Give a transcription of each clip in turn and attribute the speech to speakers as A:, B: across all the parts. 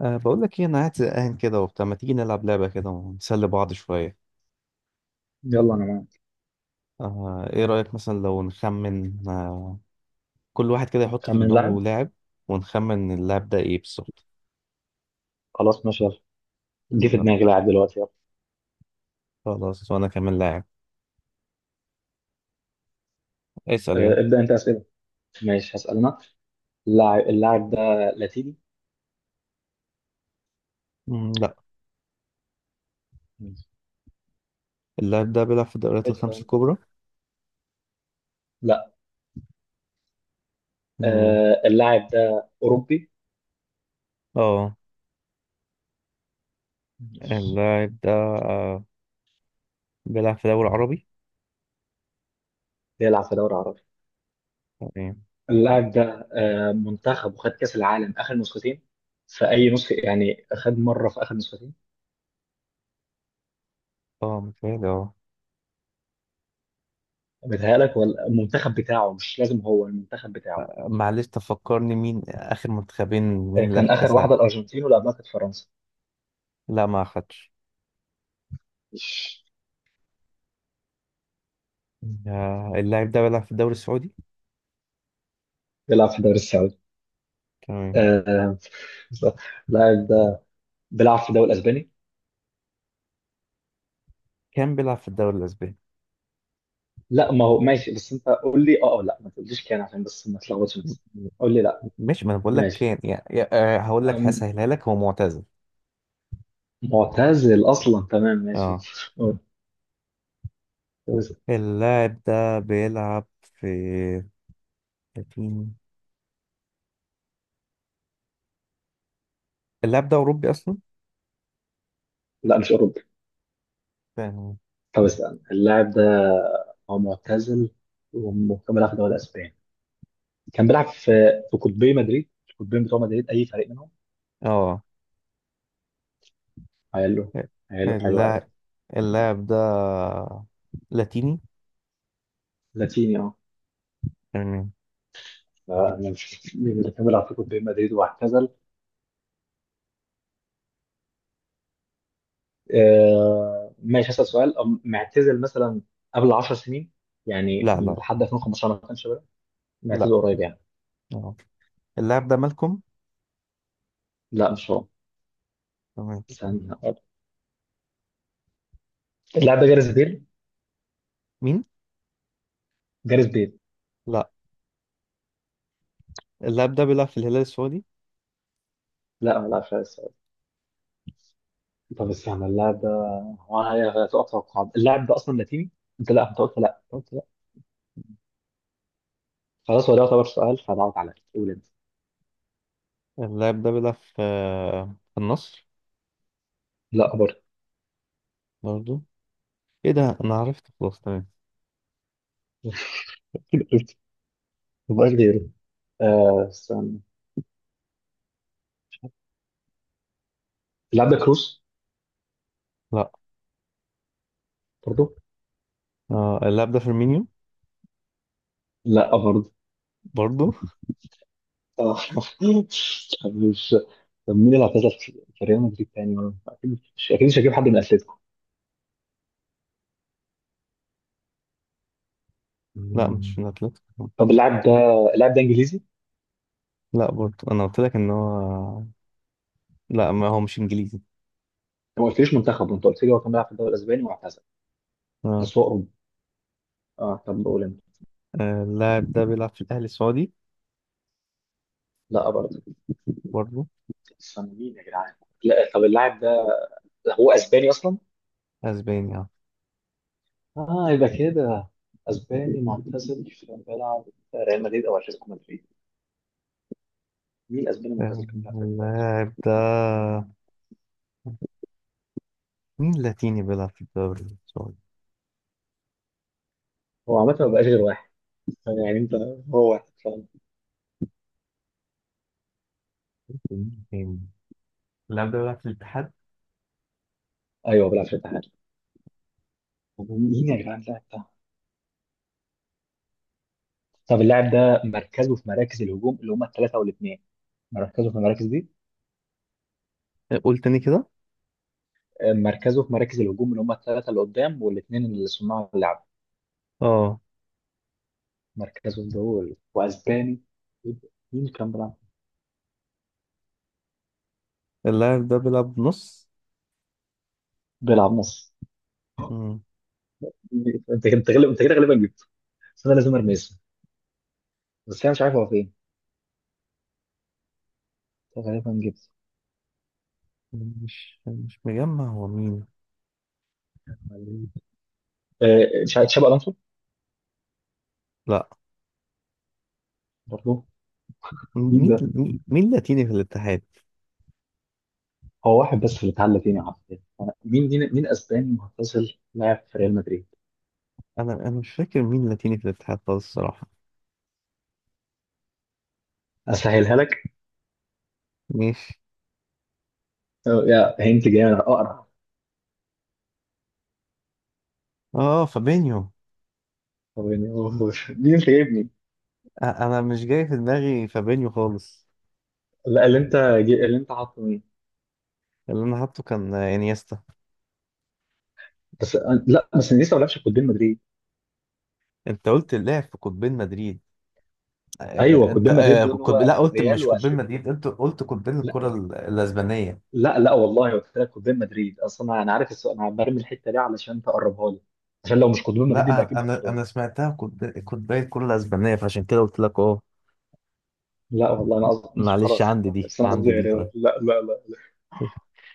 A: بقول لك ايه، انا قاعد زهقان كده وبتاع، ما تيجي نلعب لعبة كده ونسلي بعض شوية؟
B: يلا انا معاك.
A: ايه رأيك مثلا لو نخمن؟ كل واحد كده يحط في
B: خمن لاعب.
A: دماغه لاعب، ونخمن اللاعب ده ايه بالظبط.
B: خلاص ماشي يلا. جه في
A: يلا.
B: دماغي لاعب دلوقتي يلا.
A: خلاص، وانا كمان لاعب. اسأل يلا.
B: آه، ابدا انت اسئله. ماشي هسأل أنا. اللاعب ده لاتيني.
A: مم، لا.
B: ماشي.
A: اللاعب ده بيلعب في الدوريات
B: ادفع
A: الخمس
B: أنت.
A: الكبرى؟
B: لا.
A: مم،
B: اللاعب ده أوروبي.
A: اه،
B: ماشي.
A: اللاعب ده أه بيلعب في الدوري العربي؟
B: بيلعب في دوري عربي.
A: تمام.
B: اللاعب ده منتخب وخد كأس العالم آخر نسختين. في أي نسخة يعني، خد مرة في آخر نسختين.
A: اه، متهيألي اه.
B: بتهيألك ولا المنتخب بتاعه، مش لازم هو المنتخب بتاعه.
A: معلش، تفكرني مين آخر منتخبين، مين اللي
B: كان
A: أخد
B: آخر
A: كأس العالم؟
B: واحدة الأرجنتين واللي قبلها كانت فرنسا.
A: لا، ما أخدش. آه، اللاعب ده بيلعب في الدوري السعودي.
B: بيلعب في الدوري السعودي.
A: تمام.
B: آه، لاعب ده بيلعب في الدوري الاسباني.
A: كان بيلعب في الدوري الاسباني.
B: لا ما هو ماشي، بس انت قول لي اه أو لا، ما تقوليش كان عشان بس ما تلخبطش نفسك. قول لي لا.
A: مش، ما انا بقول لك
B: ماشي.
A: كان يعني. آه، هقول لك،
B: أم،
A: هسهلها لك، هو معتزل.
B: معتزل اصلا، تمام ماشي.
A: اه.
B: أه، بس-
A: اللاعب ده بيلعب في لكن- اللاعب ده اوروبي اصلا.
B: لا مش اوروبي.
A: تمام.
B: طب استنى اللاعب ده، هو معتزل وكان بيلعب في الدوري الاسباني. كان بيلعب في في قطبي مدريد، القطبين بتوع مدريد، اي فريق منهم.
A: اه،
B: حلو. حلو حلو قوي.
A: اللاعب اللاعب ده لاتيني.
B: لاتيني اه.
A: تمام.
B: لا، انا مش مين اللي كان بيلعب في قطبي مدريد واعتزل. آه، ماشي هسأل سؤال. معتزل مثلا قبل 10 سنين، يعني
A: لا، لا،
B: لحد 2015 ما كانش بيلعب.
A: لا.
B: معتزل قريب يعني.
A: اه، اللاعب ده مالكم؟
B: لا مش هو.
A: تمام.
B: استنى، اللاعب ده جاريث بيل.
A: مين؟
B: جاريث بيل.
A: لا، اللاعب ده بيلعب في الهلال السعودي.
B: لا ما لعبش على السؤال. طب استنى اللاعب ده، انا هتوقع توقعات. اللاعب ده اصلا لاتيني، انت؟ لا انت قلت لا، أنت قلت لا. خلاص هو ده يعتبر سؤال، فضغط عليا، قول انت.
A: اللاعب ده بيلعب في النصر.
B: لا برضه.
A: برضه؟ ايه ده، انا عرفت، خلاص، تمام.
B: مبقاش غيره. استنى، اللاعب ده كروس.
A: لا.
B: برضه.
A: آه، اللاعب ده فيرمينيو.
B: لا برضه.
A: برضو.
B: آه. مش طب مين اللي اعتزل في ريال مدريد تاني؟ ولا اكيد مش هجيب حد من اتلتيكو.
A: لا،
B: مم.
A: مش من اتلتيكو.
B: طب اللاعب ده انجليزي؟ انت
A: لا، برضو، انا قلت لك ان هو. لا، ما هو مش انجليزي.
B: ما قلتليش منتخب، انت قلت لي هو كان بيلعب في الدوري الاسباني واعتزل.
A: اه.
B: بس هو اوروبي. اه، طب قول انت.
A: آه، اللاعب ده بيلعب في الاهلي السعودي.
B: لا برضه.
A: برضو.
B: استنى، مين يا جدعان؟ لا طب اللاعب ده هو اسباني اصلا؟
A: اسباني اه.
B: اه يبقى كده، اسباني معتزل كان بيلعب في ريال مدريد او اتلتيكو مدريد. مين اسباني معتزل
A: آه،
B: كان بيلعب في ريال مدريد؟
A: اللاعب ده، مين لاتيني بيلعب في الدوري السعودي؟
B: هو عامة ما بقاش غير واحد، يعني انت، هو واحد فاهم؟
A: مين تاني؟ اللاعب ده بيلعب في الاتحاد.
B: ايوه بيلعب في الاتحاد. مين يا جدعان اللاعب ده؟ طب اللاعب ده مركزه في مراكز الهجوم اللي هم الثلاثة والاثنين. مركزه في المراكز دي.
A: آه، قول تاني كده.
B: مركزه في مراكز الهجوم، اللي هم الثلاثة اللي قدام والاثنين اللي صناع اللعب.
A: اه،
B: مركزهم دول، واسباني. مين كان بيلعب؟
A: اللاعب ده بيلعب نص.
B: بيلعب نص.
A: مم.
B: انت غالب، انت كده غالبا جبته. بس انا لازم ارمي اسمه، بس انا مش عارف هو فين. أنت غالبا جبته.
A: مش مجمع هو مين.
B: مش عارف، تشابي الونسو.
A: لا.
B: برضه. مين
A: مين
B: ده؟
A: مين مين لاتيني في الاتحاد.
B: هو واحد بس اللي اتعلى فيني، عارف. مين اسباني معتزل لاعب في ريال مدريد.
A: انا مش فاكر مين لاتيني في الاتحاد خالص الصراحه.
B: اسهلها لك.
A: ماشي.
B: أو يا هنت جامد اقرع.
A: اه، فابينيو.
B: هو يعني مين انت جايبني؟
A: انا مش جاي في دماغي فابينيو خالص.
B: لا اللي انت اللي انت حاطه مين؟
A: اللي انا حاطه كان انيستا.
B: لا بس انا لسه ما لعبش قدام مدريد.
A: انت قلت اللاعب في قطبين مدريد.
B: ايوه
A: انت،
B: قدام مدريد دول، هو
A: لا، قلت
B: ريال
A: مش قطبين
B: واتلتيكو.
A: مدريد، قلت قطبين الكره
B: لا
A: الاسبانيه.
B: لا. لا والله قلت لك قدام مدريد، اصلا انا عارف السؤال، انا برمي الحته دي علشان تقربها لي. عشان لو مش قدام مدريد يبقى
A: لا،
B: اكيد
A: انا
B: برشلونه.
A: انا سمعتها قطبين الكره الاسبانيه، فعشان كده قلت لك اه.
B: لا والله انا قصدي مش،
A: معلش،
B: خلاص
A: عندي دي
B: بس انا قصدي
A: عندي دي طيب.
B: ريال. لا لا لا لا.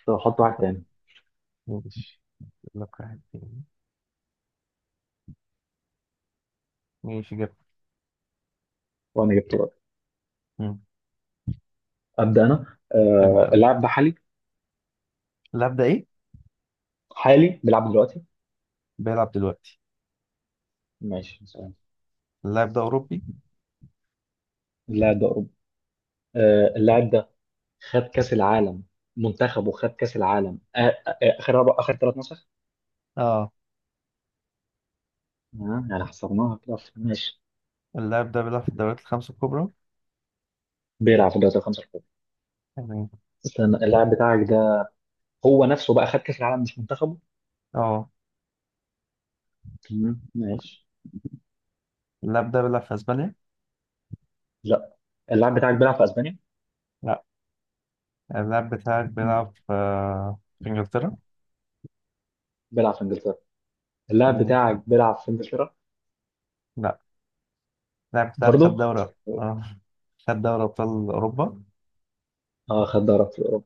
B: طب حط واحد تاني.
A: ماشي. أقول لك واحد تاني. ماشي، جبت.
B: وانا جبت واحد.
A: مم.
B: ابدا انا،
A: ابدا يا باشا.
B: اللاعب ده حالي.
A: اللاعب ده ايه؟
B: حالي بيلعب دلوقتي.
A: بيلعب دلوقتي.
B: ماشي سؤال.
A: اللاعب ده اوروبي؟
B: لا ده أوروبي. اللاعب ده خد كأس العالم، منتخبه خد كأس العالم، آخر أربع، آخر ثلاث نسخ.
A: اه.
B: يعني حصرناها كده ماشي.
A: اللاعب ده بيلعب في الدوريات الخمس الكبرى؟
B: بيلعب في الدوري الخمسة الكبرى.
A: يعني.
B: استنى اللاعب بتاعك ده هو نفسه بقى خد كأس العالم، مش منتخبه.
A: اه،
B: تمام ماشي.
A: اللاعب ده بيلعب في اسبانيا؟
B: لا اللاعب بتاعك بيلعب في أسبانيا.
A: لا. اللاعب بتاعك
B: مم.
A: بيلعب في انجلترا.
B: بيلعب في إنجلترا. اللاعب
A: تمام.
B: بتاعك بيلعب في إنجلترا.
A: لا، اللاعب بتاعك خد
B: برضه.
A: دوري؟ اه، خد دوري ابطال اوروبا.
B: اه خد دوري في أوروبا.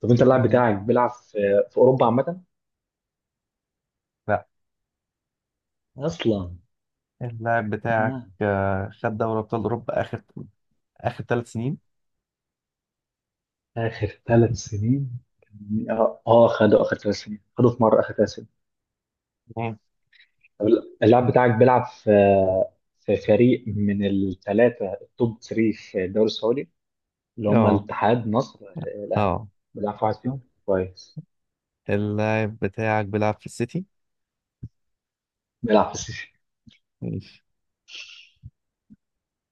B: طب أنت اللاعب
A: مم.
B: بتاعك بيلعب في، في أوروبا عامة،
A: لا،
B: اصلا.
A: اللاعب بتاعك
B: اه.
A: خد دوري ابطال اوروبا اخر 3 سنين.
B: آخر ثلاث سنين اه، خدوا آخر ثلاث سنين، خدوا في مرة آخر ثلاث سنين.
A: مم.
B: طب اللاعب بتاعك بيلعب في فريق من الثلاثة، التوب 3 في الدوري السعودي، اللي هم
A: اه.
B: الاتحاد، نصر، الأهلي.
A: اه،
B: بيلعب في واحد فيهم كويس.
A: اللاعب بتاعك بيلعب في السيتي؟
B: بيلعب في السيسي.
A: ماشي.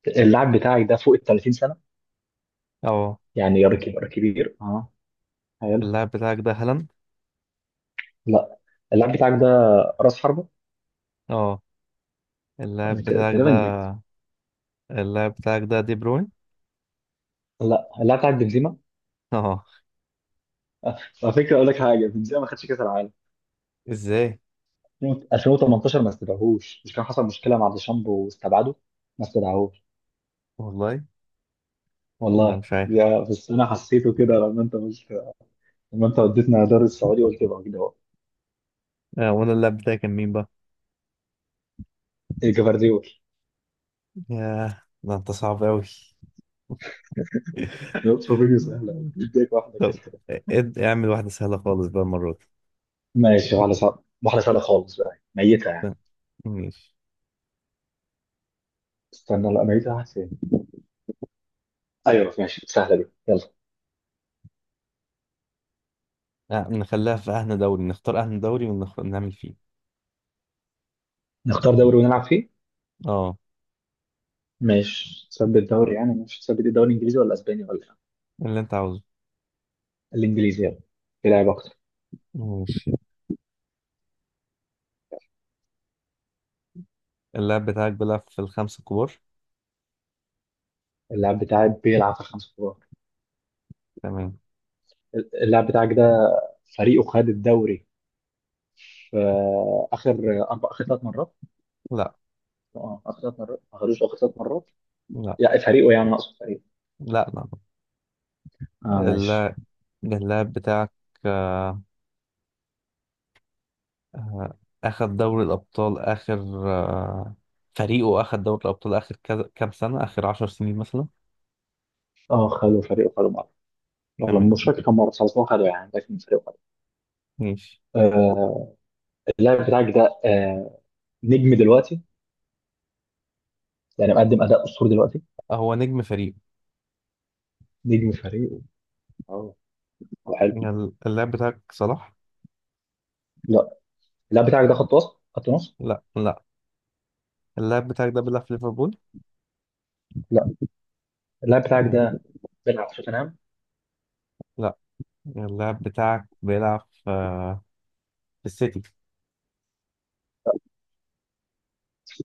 B: اللاعب بتاعك ده فوق ال 30 سنة،
A: اه،
B: يعني راجل كبير كبير اه. حلو.
A: اللاعب بتاعك ده هالاند.
B: لا اللاعب بتاعك ده راس حربة.
A: اه،
B: انا
A: اللاعب
B: كده
A: بتاعك ده
B: تقريبا جبت.
A: اللاعب بتاعك ده دي بروين.
B: لا اللاعب بتاعك بنزيما.
A: اه.
B: على فكرة اقول لك حاجة، بنزيما ما خدش كأس العالم
A: ازاي؟
B: 2018، ما استدعوهوش، مش كان حصل مشكله مع ديشامب واستبعده، ما استدعوهوش.
A: والله انا
B: والله
A: مش عارف.
B: يا، بس انا حسيته كده لما انت مش، لما انت وديتنا دار السعودي قلت يبقى كده هو.
A: آه، وانا اللاب بتاعي كان مين بقى؟
B: إيه، جفارديول.
A: ياه، ده انت صعب قوي.
B: يوصف فيديو سهله، اديك واحده كده.
A: طب اعمل واحدة سهلة خالص بقى المرة دي.
B: ماشي، واحده صعبه واحده سهله خالص بقى، ميته
A: ف-
B: يعني.
A: ماشي.
B: استنى، لا ميته واحد فين؟ ايوه ماشي، سهله دي يلا.
A: آه، نخليها في أهنى دوري، نختار أهنى دوري ونعمل فيه.
B: نختار دوري ونلعب فيه.
A: اه،
B: ماشي، تثبت دوري يعني؟ مش تثبت الدوري الانجليزي ولا اسباني ولا إيه؟
A: اللي انت عاوزه.
B: الانجليزي يلا، في لعب اكتر.
A: ماشي. اللاعب بتاعك بيلعب في الخمسة الكبار.
B: اللاعب بتاعي بيلعب في خمسة كبار.
A: تمام.
B: اللاعب بتاعك ده فريقه خد الدوري في اخر اربع، اخر ثلاث مرات.
A: لا،
B: اه اخر ثلاث مرات ما خدوش، اخر ثلاث مرات
A: لا،
B: يعني فريقه، يعني اقصد فريقه.
A: لا، لا.
B: اه ماشي.
A: اللاعب اللاعب بتاعك آه، آه، أخد دوري الأبطال آخر، آه، فريقه أخد دوري الأبطال آخر كام سنة، آخر 10 سنين مثلا.
B: اه خدوا، فريقه خدوا مره، والله
A: تمام.
B: مش فاكر كم مره بس خلاص هو خدوا يعني، لكن فريقه خدوا.
A: ماشي.
B: آه اللاعب بتاعك ده نجم دلوقتي، يعني مقدم اداء اسطوري دلوقتي.
A: هو نجم فريقه؟
B: نجم فريقه، اه. هو حلو.
A: يعني اللاعب بتاعك صلاح.
B: لا اللاعب بتاعك ده خط وسط خط نص.
A: لا، لا. اللاعب بتاعك ده بيلعب في ليفربول.
B: لا اللاعب بتاعك
A: تمام.
B: ده بيلعب في توتنهام.
A: لا، اللاعب بتاعك بيلعب في السيتي.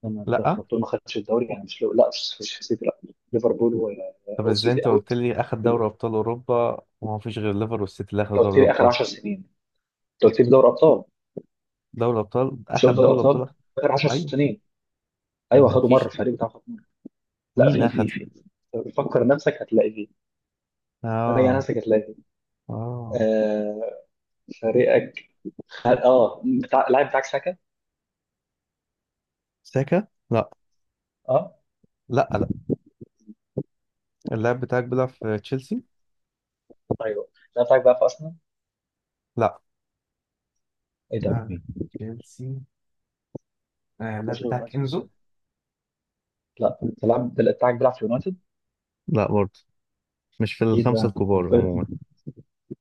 B: لما
A: لا.
B: خلطوه ما خدش الدوري يعني، مش لو لا، مش سيتي لا. ليفربول
A: طب ازاي
B: وسيتي
A: انت قلت
B: اوت.
A: لي اخد دوري ابطال اوروبا، وما فيش غير ليفر والسيتي اللي اخدوا
B: لو
A: دوري
B: كتير اخر
A: الابطال،
B: 10 سنين، لو كتير دوري ابطال.
A: دوري الابطال؟
B: مش
A: اخد
B: دوري
A: دوري
B: ابطال
A: الابطال؟
B: اخر 10
A: ايوه.
B: سنين. ايوه
A: ما
B: خدوا مره،
A: فيش.
B: الفريق بتاعه خد مرة. لا
A: مين
B: في، في
A: اخد؟
B: في فكر نفسك هتلاقي فيه. راجع
A: اه،
B: نفسك هتلاقي فيه.
A: اه.
B: آه فريقك، اه بتاع، اللاعب بتاعك ساكا،
A: ساكا؟ لا.
B: اه.
A: لا، لا. اللاعب بتاعك بيلعب في تشيلسي.
B: ايوه اللاعب بتاعك بقى في ارسنال.
A: لا.
B: ايه ده
A: آه.
B: مين؟
A: تشيلسي. آه،
B: ما
A: اللاعب
B: فيش غير
A: بتاعك
B: يونايتد
A: انزو.
B: وسيتي. لا انت اللاعب بتاعك بيلعب في يونايتد؟
A: لا، برضه. مش في
B: ايه
A: الخمسة
B: ده
A: الكبار عموما.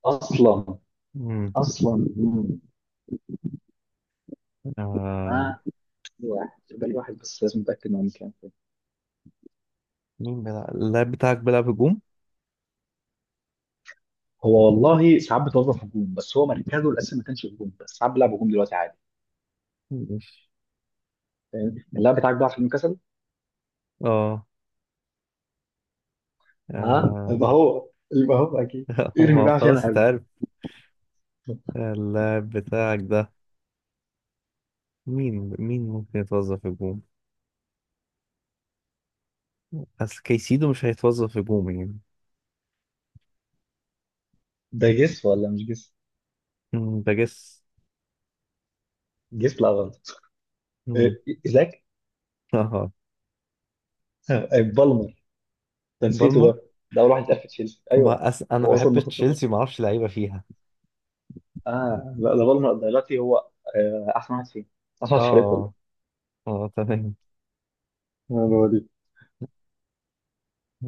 B: اصلا.
A: مم.
B: مم.
A: آه.
B: واحد بل واحد، بس لازم اتاكد انه كام فين.
A: مين بيلعب؟ اللاعب بتاعك بيلعب هجوم؟
B: هو والله ساعات بتوظف هجوم، بس هو مركزه الاساسي ما كانش هجوم، بس ساعات بيلعب هجوم دلوقتي عادي
A: مش.
B: فاهم. اللاعب بتاعك بقى عشان كسل.
A: اه.
B: ها
A: آه.
B: يبقى هو، اكيد. ارمي
A: هو
B: بقى عشان
A: خلاص
B: هجوم.
A: اتعرف. اللاعب بتاعك ده، مين ممكن يتوظف هجوم؟ بس كيسيدو مش هيتوظف هجوم يعني.
B: ده جس ولا مش جس؟
A: مم، بجس.
B: جس لا غلط.
A: مم.
B: إيه، ايزاك.
A: اه.
B: بالمر. ده نسيته
A: بالمر.
B: ده. ده اول واحد اتقال في تشيلسي، ايوه.
A: ما أس... انا
B: هو اصلا
A: بحب
B: من خط
A: تشيلسي،
B: النص.
A: ما اعرفش لعيبه فيها.
B: اه لا، ده بالمر دلوقتي هو احسن واحد فيه، احسن واحد في الفريق
A: اه،
B: كله.
A: اه، اه، تمام.
B: هو دي.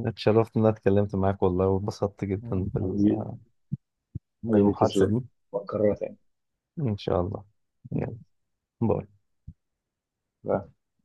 A: اتشرفت ان انا اتكلمت معاك والله، واتبسطت جدا
B: حبيبي. حبيبي
A: بالمحادثة دي.
B: تسلم. وأكررها تاني.
A: ان شاء الله. يلا. باي.